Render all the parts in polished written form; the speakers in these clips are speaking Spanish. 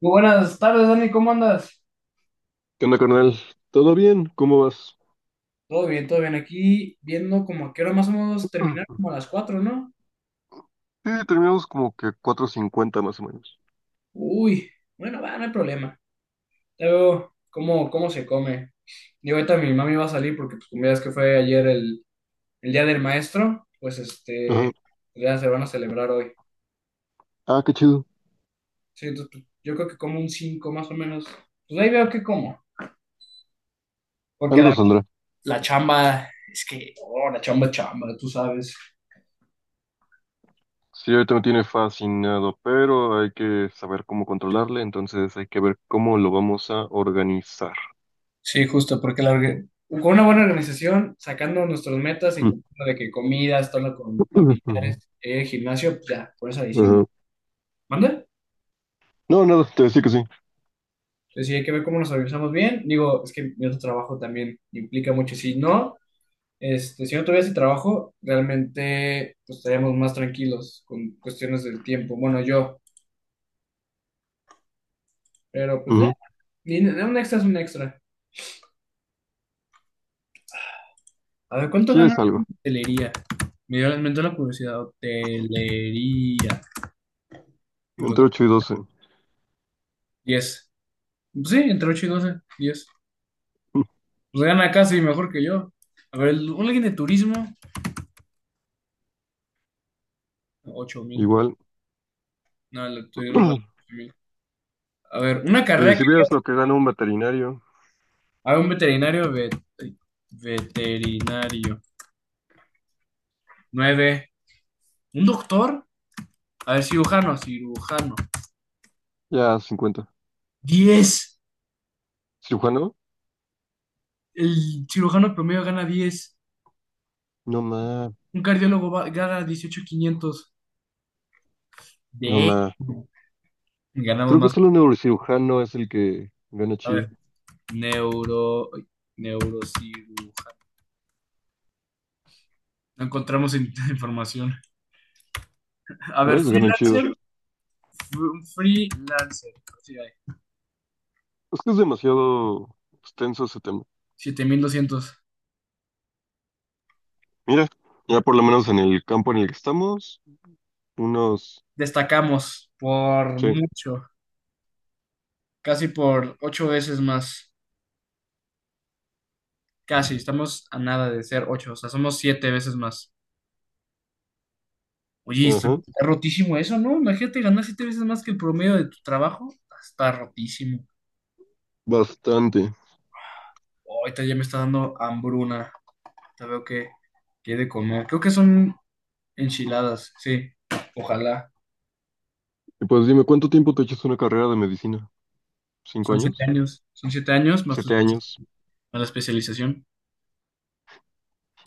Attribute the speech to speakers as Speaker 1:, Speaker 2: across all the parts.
Speaker 1: Muy buenas tardes, Dani, ¿cómo andas?
Speaker 2: ¿Qué onda, carnal? ¿Todo bien? ¿Cómo vas?
Speaker 1: Todo bien, todo bien. Aquí viendo como a qué hora más o menos terminar,
Speaker 2: Mm.
Speaker 1: como a las 4, ¿no?
Speaker 2: Sí, terminamos como que 4:50 más o menos.
Speaker 1: Uy, bueno, va, no hay problema. Ya veo cómo se come. Y ahorita mi mami va a salir porque, pues, como ya es que fue ayer el día del maestro, pues
Speaker 2: Ajá.
Speaker 1: ya se van a celebrar hoy.
Speaker 2: Ah, qué chido.
Speaker 1: Sí, entonces, pues, yo creo que como un 5 más o menos. Pues ahí veo que como. Porque
Speaker 2: Algo
Speaker 1: la,
Speaker 2: saldrá.
Speaker 1: la chamba, es que, oh, la chamba es chamba, tú sabes.
Speaker 2: Sí, ahorita me tiene fascinado, pero hay que saber cómo controlarle, entonces hay que ver cómo lo vamos a organizar.
Speaker 1: Sí, justo, porque con una buena organización, sacando nuestras metas y
Speaker 2: Ujú.
Speaker 1: cumpliendo de que comida, estando con familiares, gimnasio, pues ya, por eso ahí sí.
Speaker 2: Ajá.
Speaker 1: ¿Manda?
Speaker 2: No, nada, te decía que sí.
Speaker 1: Entonces sí hay que ver cómo nos organizamos bien. Digo, es que mi otro trabajo también implica mucho. Si no, si no tuviera ese trabajo, realmente pues, estaríamos más tranquilos con cuestiones del tiempo. Bueno, yo, pero pues
Speaker 2: Ujú.
Speaker 1: un extra es un extra. A ver, ¿cuánto
Speaker 2: Sí,
Speaker 1: gana
Speaker 2: es
Speaker 1: en
Speaker 2: algo.
Speaker 1: hotelería? Me dio, me entró la curiosidad, hotelería.
Speaker 2: Entre
Speaker 1: Encontré
Speaker 2: ocho y 12.
Speaker 1: diez. Sí, entre 8 y 12 diez. Pues gana casi mejor que yo. A ver, alguien de turismo, 8,000.
Speaker 2: Igual.
Speaker 1: No, el de turismo vale 8 mil. A ver, una
Speaker 2: Y
Speaker 1: carrera
Speaker 2: si
Speaker 1: que.
Speaker 2: vieras lo que gana un veterinario,
Speaker 1: A ver, un veterinario, veterinario, nueve. Un doctor, a ver, cirujano,
Speaker 2: ya 50.
Speaker 1: diez.
Speaker 2: ¿Cirujano?
Speaker 1: El cirujano promedio gana diez.
Speaker 2: No más,
Speaker 1: Un cardiólogo gana 18,500.
Speaker 2: no
Speaker 1: De.
Speaker 2: más.
Speaker 1: Ganamos
Speaker 2: Creo que
Speaker 1: más.
Speaker 2: solo un neurocirujano es el que gana
Speaker 1: A ver,
Speaker 2: chido.
Speaker 1: neuro, neurocirujano. No encontramos información. A ver,
Speaker 2: ¿Ves? Ganan chido.
Speaker 1: freelancer, freelancer, sí hay,
Speaker 2: Es que es demasiado extenso ese tema.
Speaker 1: 7,200.
Speaker 2: Mira, ya por lo menos en el campo en el que estamos, unos...
Speaker 1: Destacamos por
Speaker 2: Sí,
Speaker 1: mucho, casi por ocho veces más. Casi, estamos a nada de ser ocho, o sea, somos siete veces más. Oye,
Speaker 2: ajá,
Speaker 1: está rotísimo eso, ¿no? Imagínate ganar siete veces más que el promedio de tu trabajo. Está rotísimo.
Speaker 2: bastante.
Speaker 1: Ahorita ya me está dando hambruna. Te veo que, que he de comer. Creo que son enchiladas, sí. Ojalá.
Speaker 2: Y pues dime, ¿cuánto tiempo te echas una carrera de medicina? ¿Cinco años?
Speaker 1: Son siete años más tu
Speaker 2: ¿7 años?
Speaker 1: especialización- más la especialización.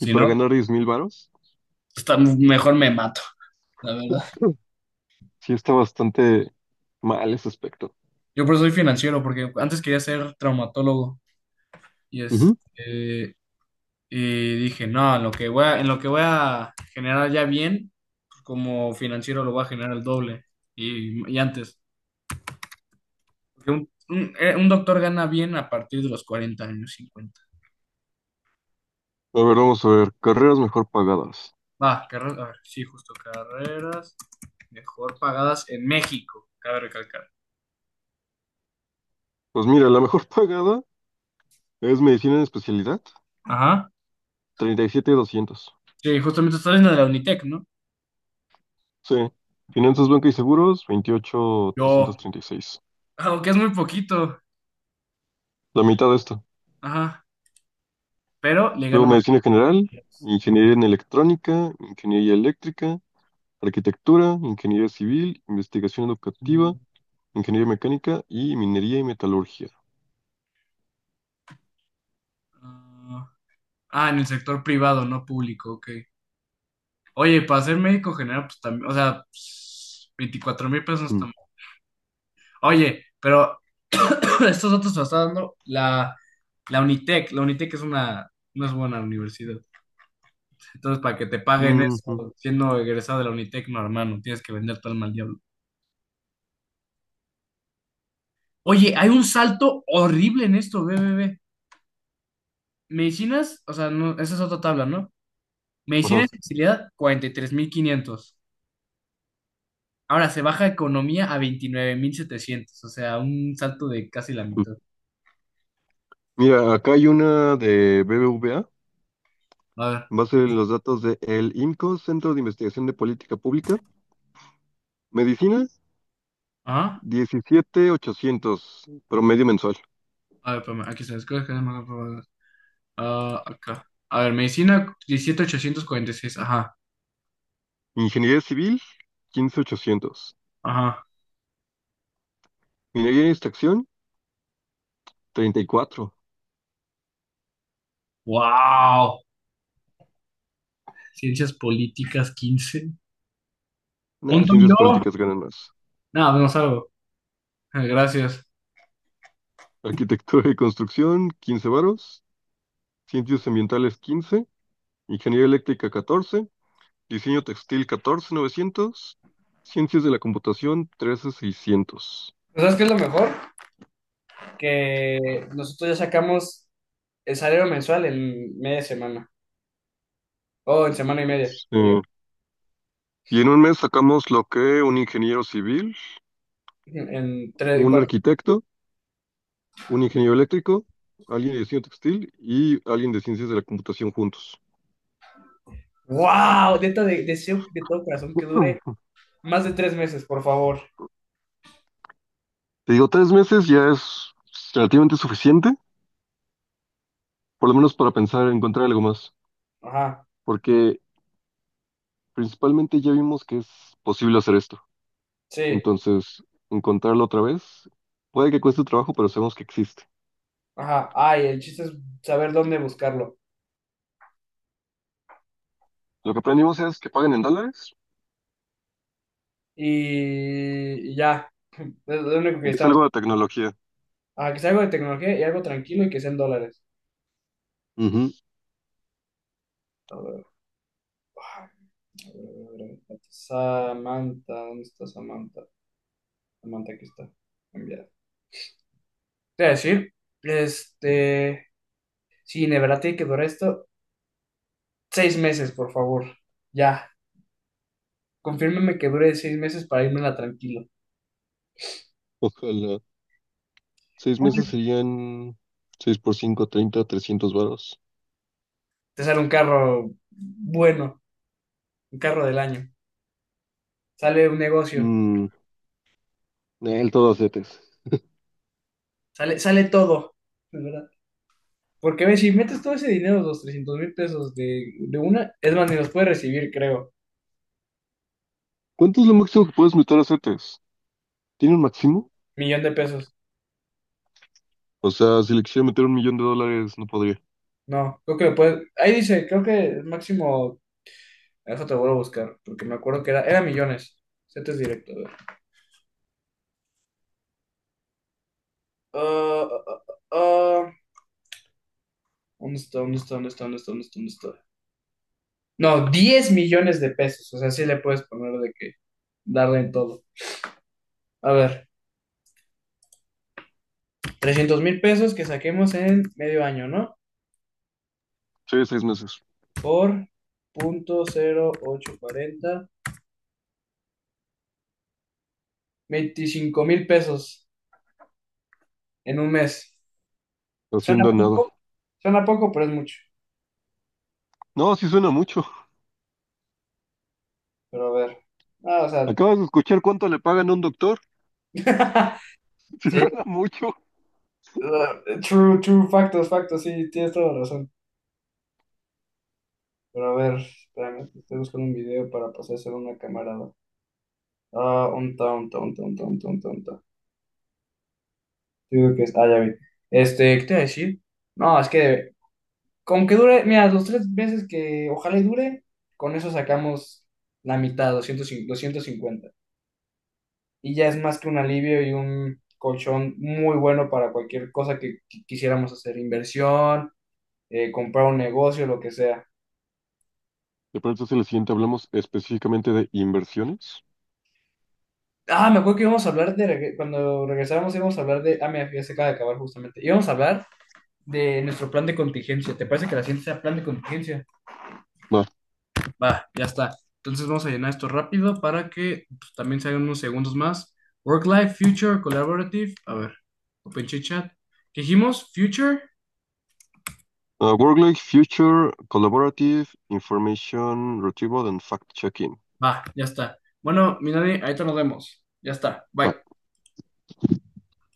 Speaker 2: ¿Y para
Speaker 1: no,
Speaker 2: ganar 10,000 varos?
Speaker 1: está, mejor me mato, la verdad.
Speaker 2: Sí, está bastante mal ese aspecto.
Speaker 1: Yo por eso soy financiero, porque antes quería ser traumatólogo y,
Speaker 2: Ujú.
Speaker 1: este, y dije, no, en lo que voy a generar ya bien, pues, como financiero lo voy a generar el doble y antes. Porque un doctor gana bien a partir de los 40 años, cincuenta.
Speaker 2: A ver, vamos a ver. Carreras mejor pagadas.
Speaker 1: Va, carreras, a ver, sí, justo carreras mejor pagadas en México, cabe recalcar.
Speaker 2: Pues mira, la mejor pagada es medicina en especialidad,
Speaker 1: Ajá.
Speaker 2: 37,200.
Speaker 1: Sí, justamente estás en la de la Unitec, ¿no?
Speaker 2: Sí. Finanzas, banca y seguros, veintiocho trescientos
Speaker 1: Yo,
Speaker 2: treinta y seis.
Speaker 1: aunque es muy poquito.
Speaker 2: La mitad de esto.
Speaker 1: Ajá. Pero le
Speaker 2: Luego
Speaker 1: gano más.
Speaker 2: medicina general, ingeniería en electrónica, ingeniería eléctrica, arquitectura, ingeniería civil, investigación educativa,
Speaker 1: Mm,
Speaker 2: ingeniería mecánica y minería y metalurgia.
Speaker 1: ah, ah, en el sector privado, no público, ok. Oye, para ser médico general, pues también, o sea, 24,000 pesos
Speaker 2: Mm.
Speaker 1: también. Oye, pero estos datos los está dando la Unitec. La Unitec es una, no es buena universidad. Entonces, para que te paguen
Speaker 2: Mm, mm,
Speaker 1: eso, siendo egresado de la Unitec, no, hermano, tienes que vender tu alma al diablo. Oye, hay un salto horrible en esto, ve. Medicinas, o sea, no, esa es otra tabla, ¿no? Medicina
Speaker 2: ajá.
Speaker 1: especialidad, 43,500. Ahora se baja economía a 29,700, o sea, un salto de casi la
Speaker 2: Mm.
Speaker 1: mitad.
Speaker 2: Mira, acá hay una de BBVA,
Speaker 1: A ver,
Speaker 2: en base a los datos de el IMCO, Centro de Investigación de Política Pública, medicina,
Speaker 1: ajá.
Speaker 2: 17,800 promedio mensual.
Speaker 1: A ver, espérame, aquí se escoge que más aprobadas. Ah, acá. A ver, medicina 17.846, ajá,
Speaker 2: Ingeniería civil, 15,800.
Speaker 1: ajá.
Speaker 2: Minería y extracción, 34.
Speaker 1: ¡Wow! Ciencias políticas 15.
Speaker 2: Nah,
Speaker 1: ¿Punto
Speaker 2: ciencias
Speaker 1: yo?
Speaker 2: políticas ganan más.
Speaker 1: Nada, no salgo. Ah, gracias.
Speaker 2: Arquitectura y construcción, 15 varos. Ciencias ambientales, 15. Ingeniería eléctrica, 14. Diseño textil, 14,900. Ciencias de la computación, 13,600.
Speaker 1: ¿Sabes qué es lo mejor? Que nosotros ya sacamos el salario mensual en media semana, o en semana y media, te
Speaker 2: Eh, y en un mes sacamos lo que un ingeniero civil,
Speaker 1: digo, en tres, en
Speaker 2: un
Speaker 1: cuatro.
Speaker 2: arquitecto, un ingeniero eléctrico, alguien de diseño textil y alguien de ciencias de la computación juntos.
Speaker 1: ¡Wow! Neta, deseo de todo corazón que dure más de tres meses, por favor.
Speaker 2: Te digo, 3 meses ya es relativamente suficiente. Por lo menos para pensar, encontrar algo más,
Speaker 1: Ajá,
Speaker 2: porque principalmente ya vimos que es posible hacer esto.
Speaker 1: sí,
Speaker 2: Entonces, encontrarlo otra vez, puede que cueste trabajo, pero sabemos que existe.
Speaker 1: ajá. Ay, el chiste es saber dónde buscarlo.
Speaker 2: Lo que aprendimos es que paguen en dólares
Speaker 1: Y ya, es lo único que
Speaker 2: y que es
Speaker 1: estamos.
Speaker 2: algo de tecnología.
Speaker 1: Ah, que sea algo de tecnología y algo tranquilo y que sea en dólares.
Speaker 2: Ujú.
Speaker 1: A ver, ah, a ver, a ver. Samantha, ¿dónde está Samantha? Samantha, aquí está. Enviar. Te voy a decir, este, sí, de verdad tiene que durar esto seis meses, por favor. Ya, confírmeme que dure seis meses para irme tranquilo.
Speaker 2: Ojalá. 6 meses serían 6 por 5, 30, 300 varos.
Speaker 1: Te sale un carro bueno, un carro del año, sale un negocio,
Speaker 2: Mm, el todo acetes.
Speaker 1: sale todo, de verdad. Porque ves, si metes todo ese dinero, los 300,000 pesos de una, es más, ni los puedes recibir, creo.
Speaker 2: ¿Cuánto es lo máximo que puedes meter a CETES? ¿Tiene un máximo?
Speaker 1: Millón de pesos.
Speaker 2: O sea, si le quisiera meter un millón de dólares, no podría.
Speaker 1: No, creo que lo puedes. Ahí dice, creo que el máximo. Eso te vuelvo a buscar, porque me acuerdo que era millones. Setes directo. Ah, ah, ah, ah. ¿Dónde está? ¿Dónde está? ¿Dónde está? ¿Dónde está? ¿Dónde está? ¿Dónde está? No, 10,000,000 de pesos. O sea, sí le puedes poner de que darle en todo. A ver, 300,000 pesos que saquemos en medio año, ¿no?
Speaker 2: Sí, 6 meses.
Speaker 1: Por punto cero ocho cuarenta 25,000 pesos en un mes. Suena
Speaker 2: Haciendo nada.
Speaker 1: poco, suena poco, pero es mucho.
Speaker 2: No, sí suena mucho.
Speaker 1: Pero a ver. Ah, o sea,
Speaker 2: Acabas de escuchar cuánto le pagan a un doctor. Si
Speaker 1: sí,
Speaker 2: suena mucho.
Speaker 1: true, true, factos, sí, tienes toda la razón. Pero a ver, espérame, estoy buscando un video para pasárselo a una camarada. Ah, un ta, un ta, un ta, un ta, un ta, un ta, un ta. Yo digo que es, ah, ya vi. Este, ¿qué te iba a decir? No, es que con que dure, mira, los tres meses que ojalá y dure, con eso sacamos la mitad, doscientos cincuenta. Y ya es más que un alivio y un colchón muy bueno para cualquier cosa que, quisiéramos hacer, inversión, comprar un negocio, lo que sea.
Speaker 2: ¿Te parece si en el siguiente hablamos específicamente de inversiones?
Speaker 1: Ah, me acuerdo que íbamos a hablar de, cuando regresábamos íbamos a hablar de, ah, mira, ya se acaba de acabar justamente. Íbamos a hablar de nuestro plan de contingencia. ¿Te parece que la ciencia sea plan de contingencia?
Speaker 2: Va.
Speaker 1: Va, ya está. Entonces vamos a llenar esto rápido para que pues, también se hagan unos segundos más. Work Life, Future, Collaborative. A ver, Open Chit Chat. ¿Qué dijimos? Future.
Speaker 2: Work-Life Future Collaborative Information Retrieval and Fact-Checking.
Speaker 1: Va, ya está. Bueno, mi Dani, ahorita nos vemos. Ya está.
Speaker 2: Va.
Speaker 1: Bye.